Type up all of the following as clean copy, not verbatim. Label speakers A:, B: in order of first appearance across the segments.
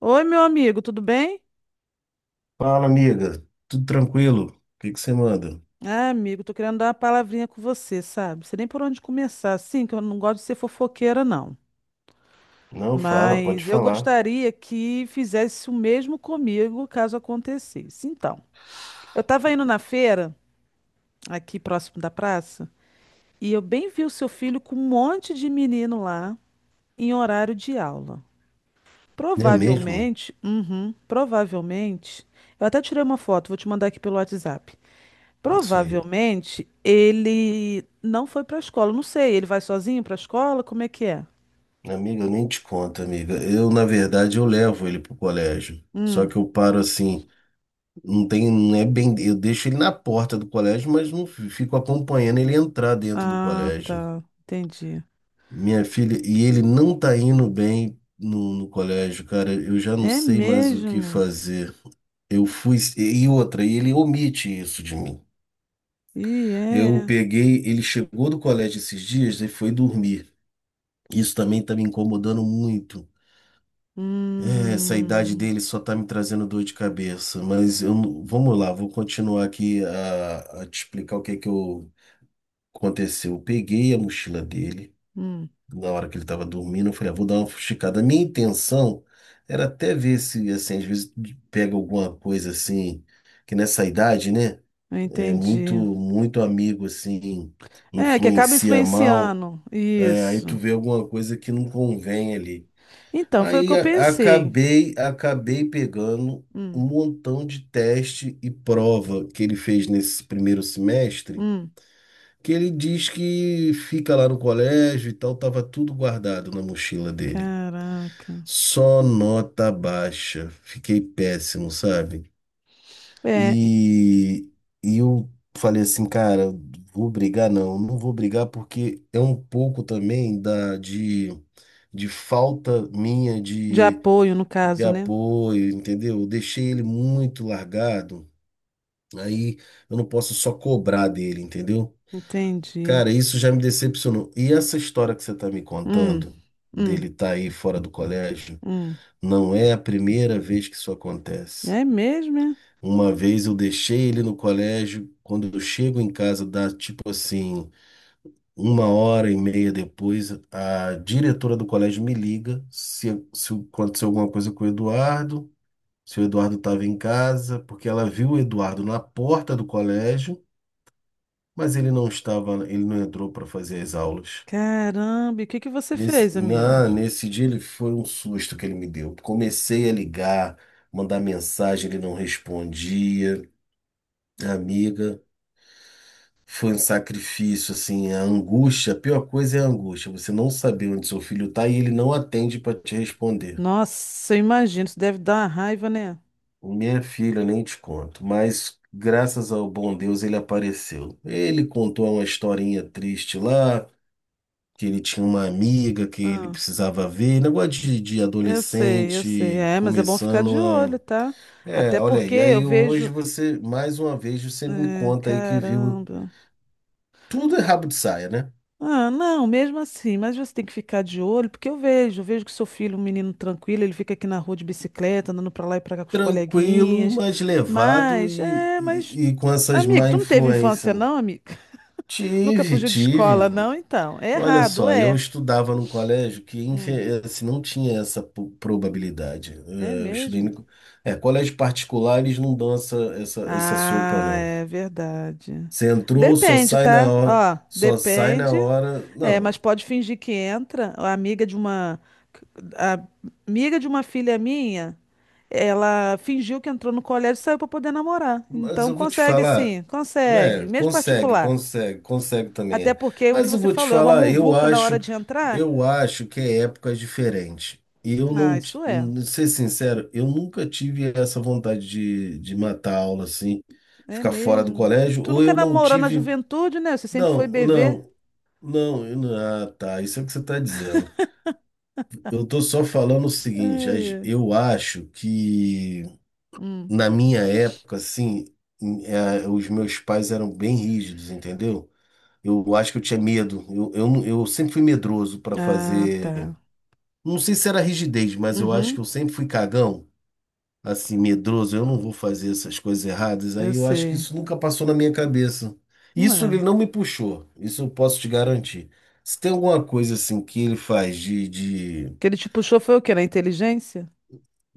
A: Oi, meu amigo, tudo bem?
B: Fala, amiga. Tudo tranquilo? O que que você manda?
A: Ah, amigo, tô querendo dar uma palavrinha com você, sabe? Não sei nem por onde começar, assim, que eu não gosto de ser fofoqueira, não.
B: Não, fala, pode
A: Mas eu
B: falar.
A: gostaria que fizesse o mesmo comigo, caso acontecesse. Então, eu tava indo na feira, aqui próximo da praça, e eu bem vi o seu filho com um monte de menino lá, em horário de aula.
B: É mesmo?
A: Provavelmente, eu até tirei uma foto, vou te mandar aqui pelo WhatsApp.
B: Não sei.
A: Provavelmente ele não foi para a escola. Não sei, ele vai sozinho para a escola? Como é que é?
B: Amiga, eu nem te conto, amiga. Eu, na verdade, eu levo ele pro colégio. Só
A: Hum.
B: que eu paro assim, não tem, não é bem, eu deixo ele na porta do colégio, mas não fico acompanhando ele entrar dentro do
A: Ah,
B: colégio.
A: tá. Entendi.
B: Minha filha, e ele não tá indo bem no colégio, cara. Eu já não
A: É
B: sei mais o que
A: mesmo?
B: fazer. Eu fui, e outra, e ele omite isso de mim.
A: E
B: Eu
A: é.
B: peguei, ele chegou do colégio esses dias e foi dormir. Isso também tá me incomodando muito. É, essa idade
A: Hum.
B: dele só tá me trazendo dor de cabeça. Mas eu, vamos lá, vou continuar aqui a te explicar o que é que eu, aconteceu. Eu peguei a mochila dele
A: Hum.
B: na hora que ele estava dormindo. Eu falei, ah, vou dar uma fuxicada. A minha intenção era até ver se, assim, às vezes pega alguma coisa assim, que nessa idade, né? É muito,
A: Entendi.
B: muito amigo, assim,
A: É, que acaba
B: influencia mal.
A: influenciando.
B: É, aí tu
A: Isso.
B: vê alguma coisa que não convém ali.
A: Então, foi o que
B: Aí
A: eu
B: a-
A: pensei.
B: acabei, acabei pegando um
A: Hum.
B: montão de teste e prova que ele fez nesse primeiro semestre,
A: Hum.
B: que ele diz que fica lá no colégio e tal, tava tudo guardado na mochila dele.
A: Caraca.
B: Só nota baixa. Fiquei péssimo, sabe?
A: É,
B: E, e eu falei assim, cara, vou brigar? Não, não vou brigar porque é um pouco também da, de falta minha
A: de
B: de,
A: apoio, no
B: de
A: caso, né?
B: apoio, entendeu? Eu deixei ele muito largado, aí eu não posso só cobrar dele, entendeu?
A: Entendi.
B: Cara, isso já me decepcionou. E essa história que você tá me
A: Hum.
B: contando,
A: Hum.
B: dele estar tá aí fora do colégio,
A: Hum.
B: não é a primeira vez que isso acontece.
A: É mesmo, é?
B: Uma vez eu deixei ele no colégio, quando eu chego em casa, dá tipo assim, uma hora e meia depois, a diretora do colégio me liga se aconteceu alguma coisa com o Eduardo, se o Eduardo estava em casa, porque ela viu o Eduardo na porta do colégio, mas ele não estava, ele não entrou para fazer as aulas.
A: Caramba, e o que que você fez, amiga?
B: Nesse dia ele foi um susto que ele me deu. Comecei a ligar, mandar mensagem, ele não respondia. Amiga. Foi um sacrifício, assim, a angústia, a pior coisa é a angústia, você não saber onde seu filho está e ele não atende para te responder.
A: Nossa, eu imagino, isso deve dar uma raiva, né?
B: Minha filha, nem te conto, mas graças ao bom Deus ele apareceu. Ele contou uma historinha triste lá, que ele tinha uma amiga que ele
A: Ah,
B: precisava ver, um negócio de
A: eu sei, eu sei.
B: adolescente
A: É, mas é bom ficar de
B: começando
A: olho,
B: a.
A: tá?
B: É,
A: Até
B: olha
A: porque
B: aí,
A: eu
B: aí hoje
A: vejo.
B: você, mais uma vez, você me
A: É,
B: conta aí que viu.
A: caramba.
B: Tudo é rabo de saia, né?
A: Ah, não, mesmo assim, mas você tem que ficar de olho, porque eu vejo que seu filho, é um menino tranquilo, ele fica aqui na rua de bicicleta, andando pra lá e pra cá com os
B: Tranquilo,
A: coleguinhas.
B: mas levado
A: Mas,
B: e,
A: é, mas.
B: e, e com essas
A: Amigo,
B: má
A: tu não teve
B: influência.
A: infância, não, amigo? Nunca
B: Tive,
A: fugiu de
B: tive.
A: escola, não? Então, é
B: Olha
A: errado,
B: só, eu
A: é.
B: estudava num colégio que
A: Hum.
B: assim, não tinha essa probabilidade.
A: É
B: É, eu estudei
A: mesmo?
B: no... É, colégio particular, eles não dão essa sopa,
A: Ah,
B: não.
A: é verdade.
B: Você entrou, só
A: Depende,
B: sai na
A: tá?
B: hora,
A: Ó,
B: só sai na
A: depende.
B: hora.
A: É, mas
B: Não,
A: pode fingir que entra. A amiga de uma filha minha, ela fingiu que entrou no colégio e saiu para poder namorar.
B: mas
A: Então
B: eu vou te
A: consegue
B: falar,
A: sim, consegue,
B: né?
A: mesmo
B: Consegue,
A: particular.
B: consegue, consegue também
A: Até
B: é.
A: porque o que
B: Mas eu
A: você
B: vou te
A: falou é uma
B: falar, eu
A: muvuca na
B: acho,
A: hora de entrar.
B: eu acho que é época diferente. E eu
A: Ah,
B: não,
A: isso é.
B: ser sincero, eu nunca tive essa vontade de matar a aula assim,
A: É
B: ficar fora do
A: mesmo.
B: colégio,
A: Tu
B: ou
A: nunca
B: eu não
A: namorou na
B: tive.
A: juventude, né? Você sempre foi
B: Não,
A: bebê.
B: não, não, eu não- ah, tá, isso é o que você está dizendo. Eu tô só falando o seguinte,
A: Ai, ai.
B: eu acho que
A: Hum.
B: na minha época, assim, os meus pais eram bem rígidos, entendeu? Eu acho que eu tinha medo. Eu, não- eu sempre fui medroso para
A: Ah,
B: fazer.
A: tá.
B: Não sei se era rigidez, mas eu acho
A: Uhum.
B: que eu sempre fui cagão, assim, medroso. Eu não vou fazer essas coisas erradas.
A: Eu
B: Aí eu acho que
A: sei.
B: isso nunca passou na minha cabeça.
A: Não
B: Isso ele
A: é.
B: não me puxou. Isso eu posso te garantir. Se tem alguma coisa assim que ele faz de, de,
A: Que ele te puxou foi o quê? Na inteligência?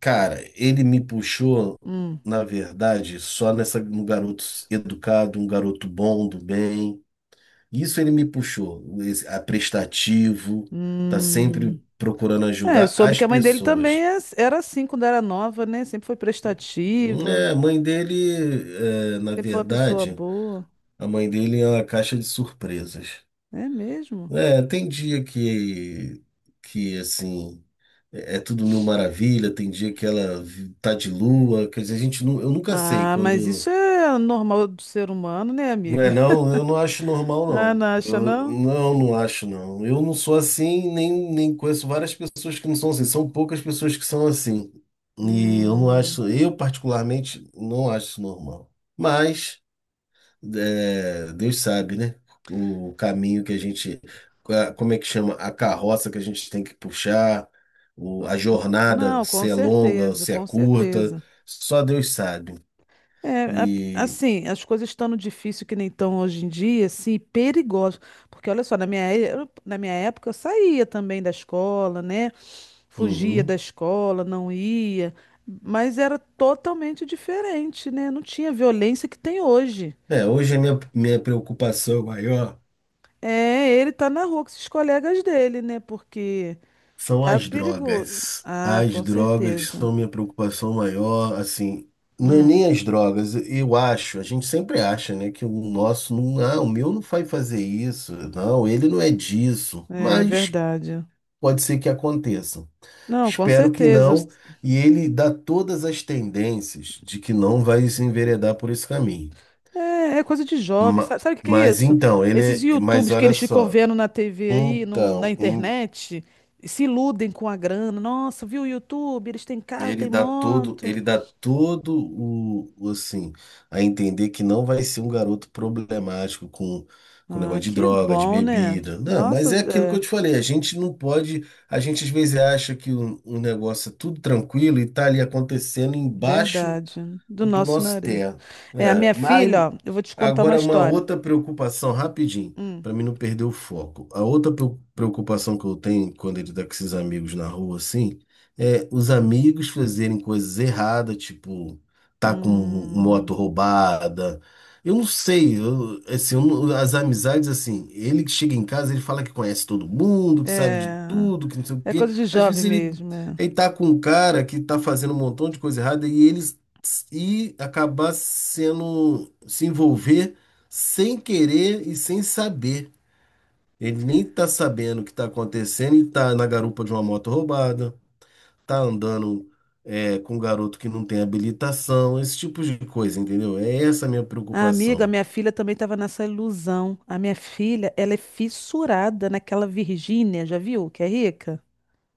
B: cara, ele me puxou,
A: Hum.
B: na verdade, só nessa, no garoto educado, um garoto bom, do bem. Isso ele me puxou, esse, a prestativo, tá sempre
A: Hum.
B: procurando
A: É, eu
B: ajudar
A: soube
B: as
A: que a mãe dele também
B: pessoas.
A: era assim quando era nova, né? Sempre foi prestativa,
B: É, a mãe dele, é, na
A: sempre foi uma pessoa
B: verdade,
A: boa.
B: a mãe dele é uma caixa de surpresas.
A: É mesmo?
B: É, tem dia que assim, é tudo mil maravilha, tem dia que ela tá de lua, quer dizer, a gente, eu nunca sei
A: Ah, mas isso
B: quando.
A: é normal do ser humano, né,
B: Não
A: amiga?
B: é não? Eu não acho normal,
A: Ah,
B: não.
A: não acha,
B: Eu
A: não?
B: não acho, não. Eu não sou assim, nem conheço várias pessoas que não são assim. São poucas pessoas que são assim. E eu não
A: Hum.
B: acho, eu particularmente não acho isso normal. Mas é, Deus sabe, né? O caminho que a gente, como é que chama? A carroça que a gente tem que puxar, a jornada,
A: Não, com
B: se é longa ou
A: certeza,
B: se é
A: com
B: curta,
A: certeza.
B: só Deus sabe.
A: É,
B: E,
A: assim, as coisas estando difícil que nem estão hoje em dia, assim, perigoso. Porque olha só, na minha época eu saía também da escola, né? Fugia da
B: uhum.
A: escola, não ia, mas era totalmente diferente, né? Não tinha violência que tem hoje.
B: É, hoje a minha preocupação maior
A: É, ele tá na rua com esses colegas dele, né? Porque
B: são
A: tá
B: as
A: perigoso.
B: drogas.
A: Ah,
B: As
A: com
B: drogas
A: certeza.
B: são minha preocupação maior, assim, não é
A: Hum,
B: nem as drogas, eu acho, a gente sempre acha, né, que o nosso não, ah, o meu não vai fazer isso, não, ele não é disso,
A: é
B: mas
A: verdade.
B: pode ser que aconteça.
A: Não, com
B: Espero que
A: certeza.
B: não, e ele dá todas as tendências de que não vai se enveredar por esse caminho.
A: É, é coisa de jovem.
B: Ma-
A: Sabe, o que que é
B: Mas
A: isso?
B: então,
A: Esses
B: mas
A: YouTubes que
B: olha
A: eles ficam
B: só,
A: vendo na TV aí, na
B: então,
A: internet, e se iludem com a grana. Nossa, viu o YouTube? Eles têm carro,
B: ele
A: têm
B: dá
A: moto.
B: todo o, assim, a entender que não vai ser um garoto problemático com negócio
A: Ah,
B: de
A: que
B: droga, de
A: bom, né?
B: bebida. Não,
A: Nossa,
B: mas é aquilo que eu
A: é
B: te falei, a gente não pode, a gente às vezes acha que o negócio é tudo tranquilo e tá ali acontecendo embaixo
A: verdade. Do
B: do
A: nosso
B: nosso
A: nariz.
B: terra.
A: É, a minha
B: É, mas
A: filha, ó, eu vou te contar uma
B: Agora, uma
A: história.
B: outra preocupação, rapidinho,
A: Hum,
B: para mim não perder o foco. A outra preocupação que eu tenho quando ele tá com esses amigos na rua, assim, é os amigos fazerem coisas erradas, tipo, tá com
A: hum,
B: moto roubada. Eu não sei, assim, eu não- as amizades, assim, ele que chega em casa, ele fala que conhece todo mundo, que sabe de
A: é,
B: tudo, que não sei o
A: é
B: quê.
A: coisa de
B: Às
A: jovem
B: vezes ele,
A: mesmo. É.
B: ele tá com um cara que tá fazendo um montão de coisa errada e ele e acabar sendo, se envolver sem querer e sem saber. Ele nem tá sabendo o que tá acontecendo e tá na garupa de uma moto roubada, tá andando é, com um garoto que não tem habilitação, esse tipo de coisa, entendeu? É essa a minha
A: A amiga,
B: preocupação.
A: minha filha também estava nessa ilusão. A minha filha, ela é fissurada naquela Virgínia, já viu? Que é rica.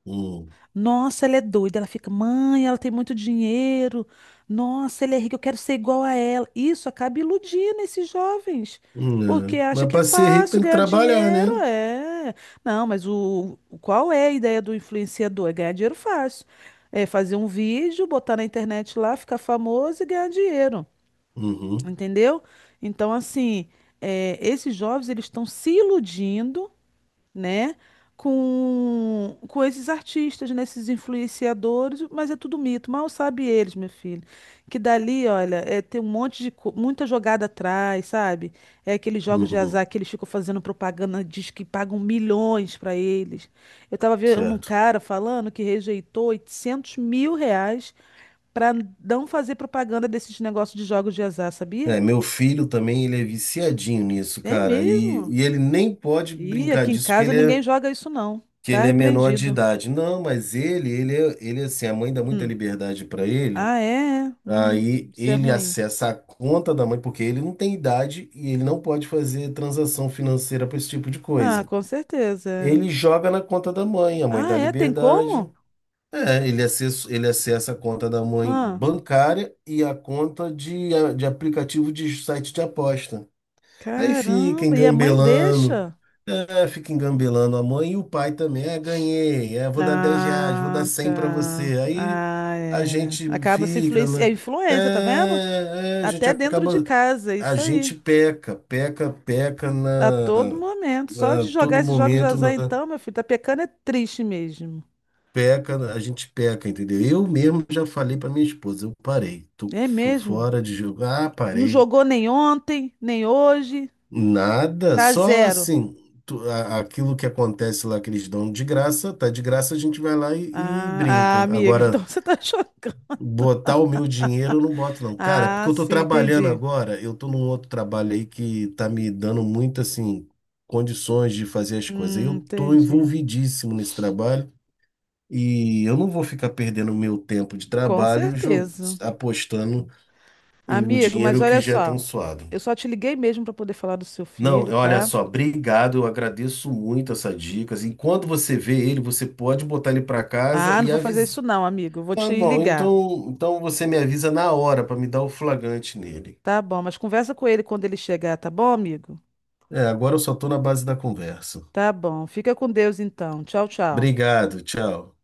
B: Hum,
A: Nossa, ela é doida. Ela fica, mãe, ela tem muito dinheiro. Nossa, ele é rico, eu quero ser igual a ela. Isso acaba iludindo esses jovens, porque
B: é.
A: acha
B: Mas
A: que é
B: para ser rico
A: fácil
B: tem que
A: ganhar
B: trabalhar,
A: dinheiro.
B: né?
A: É. Não, mas qual é a ideia do influenciador? É ganhar dinheiro fácil. É fazer um vídeo, botar na internet lá, ficar famoso e ganhar dinheiro.
B: Uhum,
A: Entendeu? Então, assim, esses jovens eles estão se iludindo, né, com esses artistas, né, esses influenciadores, mas é tudo mito. Mal sabe eles, meu filho, que dali, olha, é, tem um monte de muita jogada atrás, sabe? É aqueles jogos de
B: uhum,
A: azar que eles ficam fazendo propaganda, diz que pagam milhões para eles. Eu tava vendo um
B: certo.
A: cara falando que rejeitou R$ 800 mil para não fazer propaganda desses negócios de jogos de azar, sabia?
B: É, meu filho também, ele é viciadinho nisso,
A: É
B: cara. E,
A: mesmo?
B: e ele nem pode
A: Ih,
B: brincar
A: aqui em
B: disso, que
A: casa
B: ele
A: ninguém
B: é
A: joga isso não.
B: que
A: Tá
B: ele é menor de
A: repreendido.
B: idade. Não, mas ele, ele assim, a mãe dá muita
A: Hum.
B: liberdade para ele.
A: Ah, é? É?
B: Aí
A: Isso é
B: ele
A: ruim.
B: acessa a conta da mãe, porque ele não tem idade e ele não pode fazer transação financeira para esse tipo de
A: Ah,
B: coisa.
A: com certeza. É.
B: Ele joga na conta da mãe, a mãe
A: Ah,
B: dá
A: é? Tem
B: liberdade.
A: como?
B: É, ele acessa a conta da mãe
A: Ah,
B: bancária e a conta de aplicativo de site de aposta. Aí fica
A: caramba. E a mãe
B: engambelando.
A: deixa?
B: É, fica engambelando a mãe e o pai também. É, ganhei. É, vou dar R$ 10, vou dar
A: Ah,
B: 100 para
A: tá.
B: você. Aí
A: Ah,
B: a
A: é.
B: gente
A: Acaba se
B: fica,
A: influencia. É
B: né?
A: influência, tá vendo?
B: A gente
A: Até dentro de
B: acaba.
A: casa, é
B: A
A: isso
B: gente
A: aí.
B: peca, peca, peca
A: A todo
B: na,
A: momento. Só
B: na
A: de jogar
B: todo
A: esses jogos de
B: momento,
A: azar, então, meu filho, tá pecando é triste mesmo.
B: a gente peca, entendeu? Eu mesmo já falei para minha esposa, eu parei, tô
A: É mesmo?
B: fora de jogo. Ah,
A: Não
B: parei.
A: jogou nem ontem, nem hoje.
B: Nada,
A: Tá
B: só
A: zero.
B: assim, aquilo que acontece lá que eles dão de graça, tá de graça, a gente vai lá e
A: Ah, ah,
B: brinca.
A: amiga, então
B: Agora,
A: você tá jogando.
B: botar o meu dinheiro eu não boto não. Cara, é porque
A: Ah,
B: eu tô
A: sim,
B: trabalhando
A: entendi.
B: agora, eu tô num outro trabalho aí que tá me dando muito assim condições de fazer as coisas. Eu tô
A: Entendi.
B: envolvidíssimo nesse trabalho e eu não vou ficar perdendo meu tempo de
A: Com
B: trabalho
A: certeza.
B: apostando e o
A: Amigo, mas
B: dinheiro que
A: olha
B: já é
A: só.
B: tão suado.
A: Eu só te liguei mesmo para poder falar do seu
B: Não,
A: filho,
B: olha
A: tá?
B: só, obrigado, eu agradeço muito essas dicas. Enquanto você vê ele, você pode botar ele para casa
A: Ah, não
B: e
A: vou fazer isso
B: avisar.
A: não, amigo. Eu vou
B: Tá
A: te
B: bom,
A: ligar.
B: então, você me avisa na hora para me dar o flagrante nele.
A: Tá bom, mas conversa com ele quando ele chegar, tá bom, amigo?
B: É, agora eu só tô na base da conversa.
A: Tá bom. Fica com Deus então. Tchau, tchau.
B: Obrigado, tchau.